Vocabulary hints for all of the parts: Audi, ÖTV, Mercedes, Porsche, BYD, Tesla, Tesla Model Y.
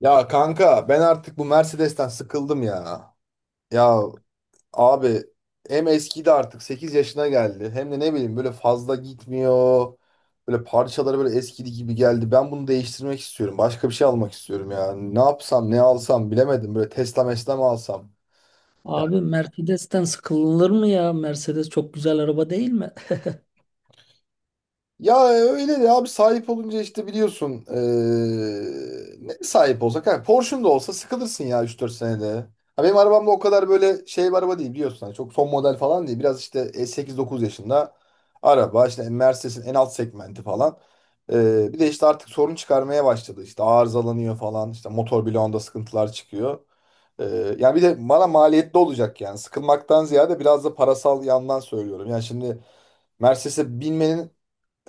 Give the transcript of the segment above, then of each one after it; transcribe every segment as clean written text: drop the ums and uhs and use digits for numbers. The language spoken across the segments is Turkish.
Ya kanka ben artık bu Mercedes'ten sıkıldım ya. Ya abi, hem eskidi artık 8 yaşına geldi. Hem de ne bileyim, böyle fazla gitmiyor. Böyle parçaları böyle eskidi gibi geldi. Ben bunu değiştirmek istiyorum. Başka bir şey almak istiyorum ya. Ne yapsam ne alsam bilemedim. Böyle Tesla mesla mı alsam? Abi Mercedes'ten sıkılır mı ya? Mercedes çok güzel araba değil mi? Ya öyle de abi, sahip olunca işte biliyorsun ne sahip olsak, ha Porsche'un da olsa sıkılırsın ya, 3-4 senede. Ha, benim arabam da o kadar böyle şey bir araba değil biliyorsun. Hani çok son model falan değil. Biraz işte 8-9 yaşında araba işte, Mercedes'in en alt segmenti falan. Bir de işte artık sorun çıkarmaya başladı. İşte arızalanıyor falan. İşte motor bloğunda sıkıntılar çıkıyor. Yani bir de bana maliyetli olacak yani. Sıkılmaktan ziyade biraz da parasal yandan söylüyorum. Yani şimdi Mercedes'e binmenin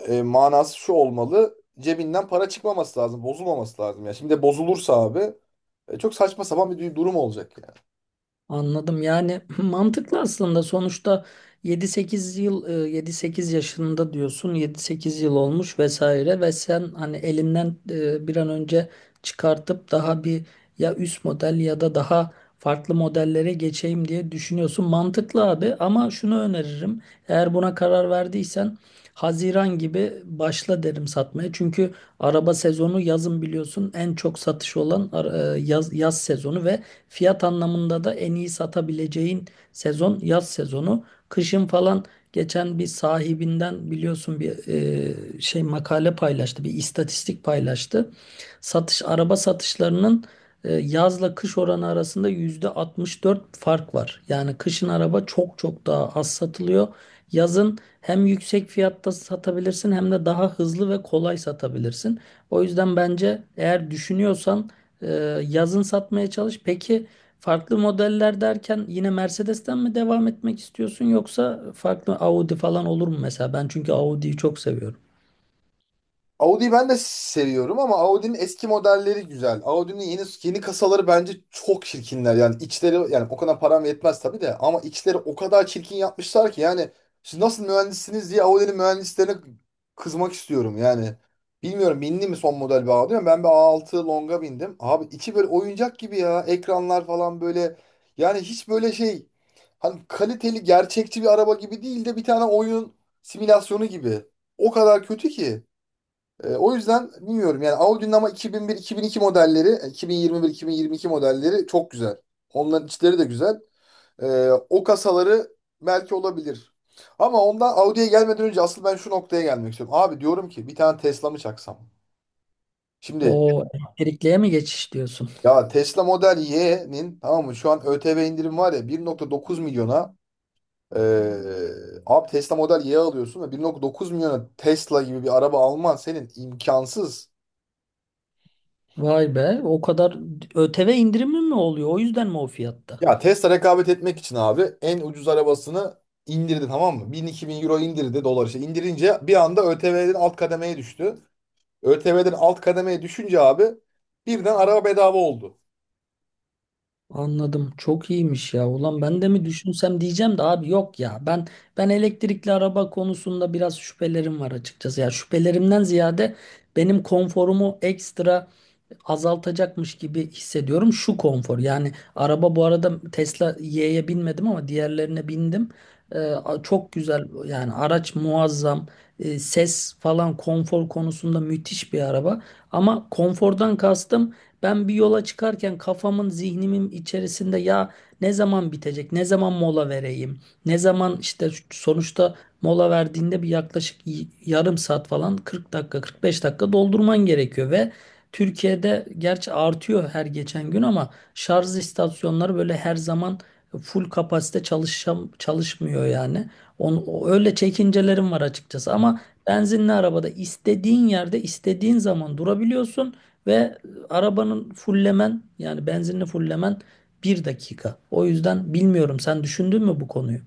manası şu olmalı. Cebinden para çıkmaması lazım, bozulmaması lazım. Ya şimdi bozulursa abi, çok saçma sapan bir durum olacak yani. Anladım. Yani mantıklı aslında. Sonuçta yedi sekiz yıl, 7-8 yaşında diyorsun. 7-8 yıl olmuş vesaire ve sen hani elinden bir an önce çıkartıp daha bir, ya üst model ya da daha farklı modellere geçeyim diye düşünüyorsun. Mantıklı abi, ama şunu öneririm. Eğer buna karar verdiysen Haziran gibi başla derim satmaya. Çünkü araba sezonu yazın, biliyorsun, en çok satış olan yaz sezonu ve fiyat anlamında da en iyi satabileceğin sezon yaz sezonu. Kışın falan geçen bir sahibinden biliyorsun, bir şey makale paylaştı, bir istatistik paylaştı. Araba satışlarının yazla kış oranı arasında %64 fark var. Yani kışın araba çok çok daha az satılıyor. Yazın hem yüksek fiyatta satabilirsin, hem de daha hızlı ve kolay satabilirsin. O yüzden bence, eğer düşünüyorsan, ee, yazın satmaya çalış. Peki, farklı modeller derken yine Mercedes'ten mi devam etmek istiyorsun, yoksa farklı Audi falan olur mu mesela? Ben çünkü Audi'yi çok seviyorum. Audi'yi ben de seviyorum ama Audi'nin eski modelleri güzel. Audi'nin yeni yeni kasaları bence çok çirkinler. Yani içleri, yani o kadar param yetmez tabii de ama içleri o kadar çirkin yapmışlar ki yani siz nasıl mühendissiniz diye Audi'nin mühendislerine kızmak istiyorum yani. Bilmiyorum bindi mi son model bir Audi ama ben bir A6 Long'a bindim. Abi içi böyle oyuncak gibi ya. Ekranlar falan böyle, yani hiç böyle şey, hani kaliteli gerçekçi bir araba gibi değil de bir tane oyun simülasyonu gibi. O kadar kötü ki. E, o yüzden bilmiyorum yani Audi'nin, ama 2001-2002 modelleri, 2021-2022 modelleri çok güzel. Onların içleri de güzel. E, o kasaları belki olabilir. Ama ondan Audi'ye gelmeden önce asıl ben şu noktaya gelmek istiyorum. Abi, diyorum ki bir tane Tesla mı çaksam? Şimdi, O elektrikliye mi geçiş diyorsun? ya Tesla Model Y'nin, tamam mı, şu an ÖTV indirim var ya, 1,9 milyona, e, abi Tesla Model Y alıyorsun ve 1,9 milyona Tesla gibi bir araba alman senin imkansız. Vay be, o kadar ÖTV indirimi mi oluyor? O yüzden mi o fiyatta? Ya Tesla rekabet etmek için abi en ucuz arabasını indirdi, tamam mı? 1000-2000 euro indirdi, dolar işte. İndirince bir anda ÖTV'den alt kademeye düştü. ÖTV'den alt kademeye düşünce abi birden araba bedava oldu. Anladım. Çok iyiymiş ya. Ulan ben de mi düşünsem diyeceğim de, abi yok ya. Ben elektrikli araba konusunda biraz şüphelerim var açıkçası. Ya şüphelerimden ziyade benim konforumu ekstra azaltacakmış gibi hissediyorum şu konfor. Yani araba, bu arada Tesla Y'ye binmedim ama diğerlerine bindim. Çok güzel yani, araç muazzam. Ses falan konfor konusunda müthiş bir araba. Ama konfordan kastım, ben bir yola çıkarken kafamın, zihnimin içerisinde ya ne zaman bitecek, ne zaman mola vereyim, ne zaman işte sonuçta mola verdiğinde bir yaklaşık yarım saat falan, 40 dakika, 45 dakika doldurman gerekiyor ve Türkiye'de, gerçi artıyor her geçen gün ama, şarj istasyonları böyle her zaman full kapasite çalışmıyor yani. Öyle çekincelerim var açıkçası, ama benzinli arabada istediğin yerde istediğin zaman durabiliyorsun ve arabanın fullemen, yani benzinli fullemen, bir dakika. O yüzden bilmiyorum, sen düşündün mü bu konuyu?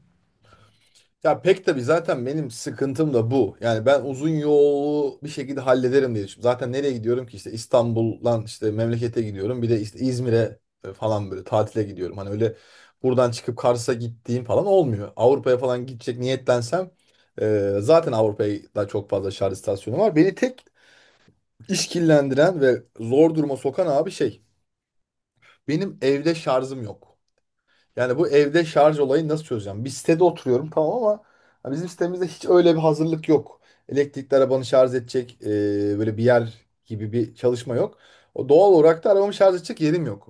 Ya pek tabii zaten benim sıkıntım da bu. Yani ben uzun yolu bir şekilde hallederim diye düşünüyorum. Zaten nereye gidiyorum ki, işte İstanbul'dan işte memlekete gidiyorum. Bir de işte İzmir'e falan böyle tatile gidiyorum. Hani öyle buradan çıkıp Kars'a gittiğim falan olmuyor. Avrupa'ya falan gidecek niyetlensem zaten Avrupa'ya da çok fazla şarj istasyonu var. Beni tek işkillendiren ve zor duruma sokan abi şey, benim evde şarjım yok. Yani bu evde şarj olayını nasıl çözeceğim? Bir sitede oturuyorum tamam, ama ya bizim sitemizde hiç öyle bir hazırlık yok. Elektrikli arabanı şarj edecek böyle bir yer gibi bir çalışma yok. O doğal olarak da arabamı şarj edecek yerim yok.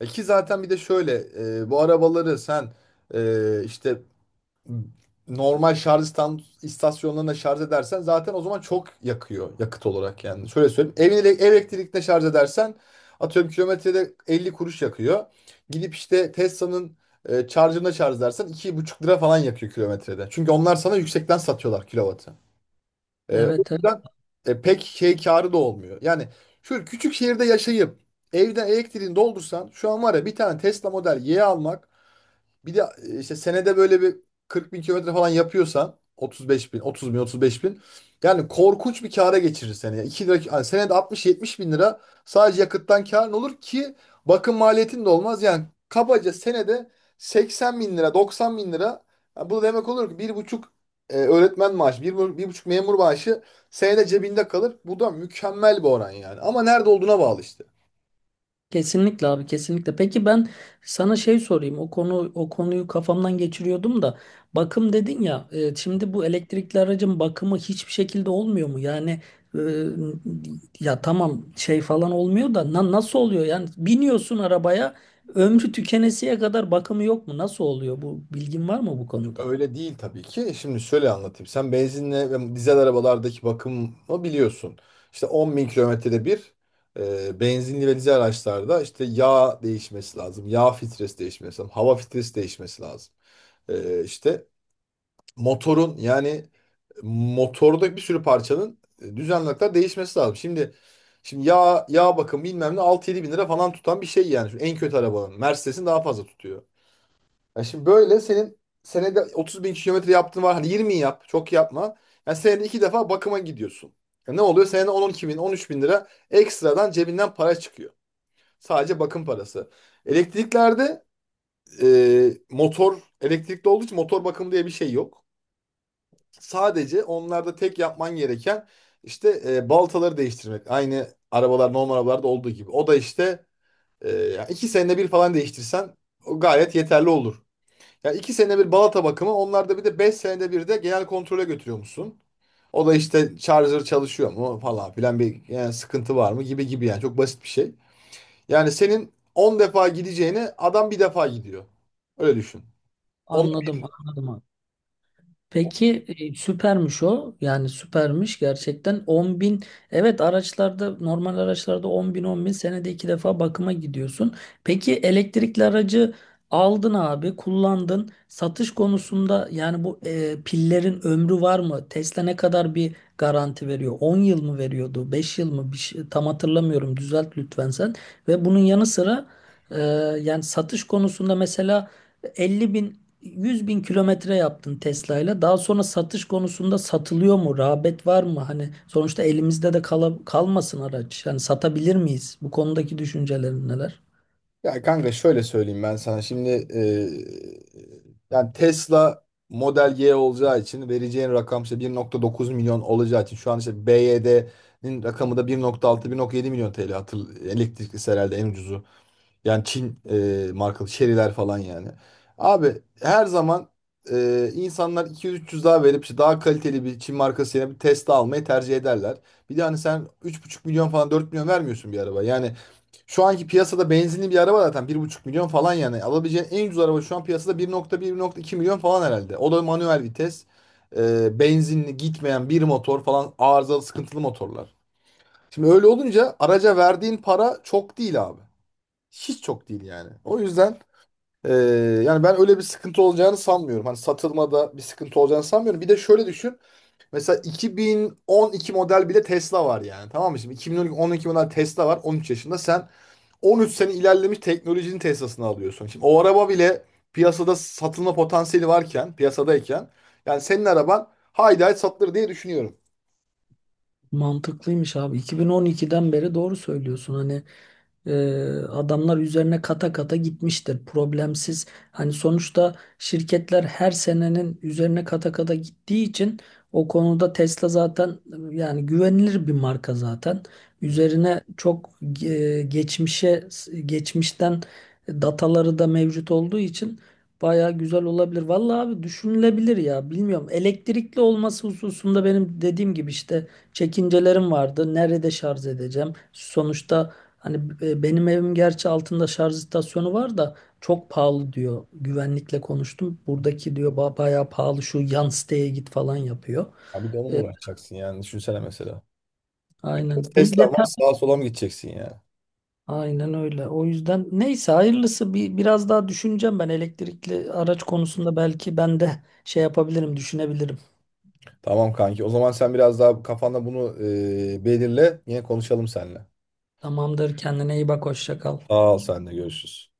E ki zaten, bir de şöyle, bu arabaları sen işte normal şarj istasyonlarına şarj edersen zaten o zaman çok yakıyor yakıt olarak yani. Şöyle söyleyeyim. Ev elektrikle şarj edersen atıyorum kilometrede 50 kuruş yakıyor. Gidip işte Tesla'nın şarjına şarj edersen 2,5 lira falan yakıyor kilometrede. Çünkü onlar sana yüksekten satıyorlar kilovatı. E, o Evet. yüzden pek şey karı da olmuyor. Yani şu küçük şehirde yaşayıp evden elektriğini doldursan, şu an var ya, bir tane Tesla Model Y almak, bir de işte senede böyle bir 40 bin kilometre falan yapıyorsan, 35 bin, 30 bin, 35 bin. Yani korkunç bir kâra geçirir seni. Yani 2 lira, yani senede 60-70 bin lira sadece yakıttan kârın olur ki bakım maliyetin de olmaz. Yani kabaca senede 80 bin lira, 90 bin lira. Yani bu demek olur ki 1,5 öğretmen maaşı, 1,5 memur maaşı senede cebinde kalır. Bu da mükemmel bir oran yani. Ama nerede olduğuna bağlı işte. Kesinlikle abi, kesinlikle. Peki, ben sana şey sorayım. O konu, o konuyu kafamdan geçiriyordum da bakım dedin ya. Şimdi bu elektrikli aracın bakımı hiçbir şekilde olmuyor mu? Yani e, ya tamam, şey falan olmuyor da nasıl oluyor? Yani biniyorsun arabaya, ömrü tükenesiye kadar bakımı yok mu? Nasıl oluyor bu? Bilgin var mı bu konuda? Öyle değil tabii ki. Şimdi şöyle anlatayım. Sen benzinle ve dizel arabalardaki bakımı biliyorsun. İşte 10 bin kilometrede bir benzinli ve dizel araçlarda işte yağ değişmesi lazım. Yağ filtresi değişmesi lazım. Hava filtresi değişmesi lazım. E, işte motorun, yani motorda bir sürü parçanın düzenli olarak değişmesi lazım. Şimdi yağ bakımı bilmem ne 6-7 bin lira falan tutan bir şey yani. Şu en kötü arabanın. Mercedes'in daha fazla tutuyor. Ya şimdi böyle senin senede 30 bin kilometre yaptığın var. Hadi 20 yap. Çok yapma. Yani senede 2 defa bakıma gidiyorsun. Ya ne oluyor? Senede 10-12 bin, 13 bin lira ekstradan cebinden para çıkıyor. Sadece bakım parası. Elektriklerde motor elektrikli olduğu için motor bakım diye bir şey yok. Sadece onlarda tek yapman gereken işte baltaları değiştirmek. Aynı arabalar normal arabalarda olduğu gibi. O da işte yani iki senede bir falan değiştirsen o gayet yeterli olur. Ya 2 senede bir balata bakımı, onlarda bir de 5 senede bir de genel kontrole götürüyormuşsun. O da işte charger çalışıyor mu falan filan, bir yani sıkıntı var mı gibi gibi, yani çok basit bir şey. Yani senin 10 defa gideceğini adam bir defa gidiyor. Öyle düşün. On... Anladım, anladım. Peki, süpermiş o. Yani süpermiş gerçekten, 10 bin. Evet, araçlarda, normal araçlarda 10 bin senede iki defa bakıma gidiyorsun. Peki, elektrikli aracı aldın abi, kullandın. Satış konusunda yani bu pillerin ömrü var mı? Tesla ne kadar bir garanti veriyor? 10 yıl mı veriyordu? 5 yıl mı? Bir şey, tam hatırlamıyorum. Düzelt lütfen sen. Ve bunun yanı sıra e, yani satış konusunda mesela 50 bin, 100 bin kilometre yaptın Tesla'yla. Daha sonra satış konusunda satılıyor mu? Rağbet var mı? Hani sonuçta elimizde de kalmasın araç. Yani satabilir miyiz? Bu konudaki düşüncelerin neler? Ya kanka şöyle söyleyeyim ben sana. Şimdi yani Tesla Model Y olacağı için vereceğin rakam işte 1,9 milyon olacağı için, şu an işte BYD'nin rakamı da 1,6-1,7 milyon TL, elektrikli herhalde en ucuzu. Yani Çin markalı şeriler falan yani. Abi her zaman insanlar 200-300 daha verip işte daha kaliteli bir Çin markası yerine bir Tesla almayı tercih ederler. Bir de hani sen 3,5 milyon falan 4 milyon vermiyorsun bir araba. Yani şu anki piyasada benzinli bir araba zaten 1,5 milyon falan yani. Alabileceğin en ucuz araba şu an piyasada 1,1-1,2 milyon falan herhalde. O da manuel vites. Benzinli gitmeyen bir motor falan, arızalı sıkıntılı motorlar. Şimdi öyle olunca araca verdiğin para çok değil abi. Hiç çok değil yani. O yüzden e, yani ben öyle bir sıkıntı olacağını sanmıyorum. Hani satılmada bir sıkıntı olacağını sanmıyorum. Bir de şöyle düşün. Mesela 2012 model bile Tesla var yani. Tamam mı? Şimdi 2012 model Tesla var. 13 yaşında. Sen 13 sene ilerlemiş teknolojinin Tesla'sını alıyorsun. Şimdi o araba bile piyasada satılma potansiyeli varken, piyasadayken, yani senin araban haydi haydi satılır diye düşünüyorum. Mantıklıymış abi. 2012'den beri doğru söylüyorsun. Hani e, adamlar üzerine kata kata gitmiştir. Problemsiz. Hani sonuçta şirketler her senenin üzerine kata kata gittiği için o konuda Tesla zaten yani güvenilir bir marka zaten. Hı. Üzerine çok e, geçmişe geçmişten dataları da mevcut olduğu için baya güzel olabilir. Vallahi abi, düşünülebilir ya. Bilmiyorum. Elektrikli olması hususunda benim dediğim gibi işte çekincelerim vardı. Nerede şarj edeceğim? Sonuçta hani benim evim, gerçi altında şarj istasyonu var da çok pahalı diyor. Güvenlikle konuştum. Buradaki diyor, bayağı pahalı, şu yan siteye git", falan yapıyor. Abi de onunla E, uğraşacaksın yani, düşünsene mesela. aynen. Bunu Tesla var, detay sağa sola mı gideceksin yani? Aynen öyle. O yüzden neyse hayırlısı, bir biraz daha düşüneceğim ben elektrikli araç konusunda, belki ben de şey yapabilirim, düşünebilirim. Tamam kanki, o zaman sen biraz daha kafanda bunu belirle, yine konuşalım seninle. Tamamdır. Kendine iyi bak. Hoşça kal. Sağ ol, sen de görüşürüz.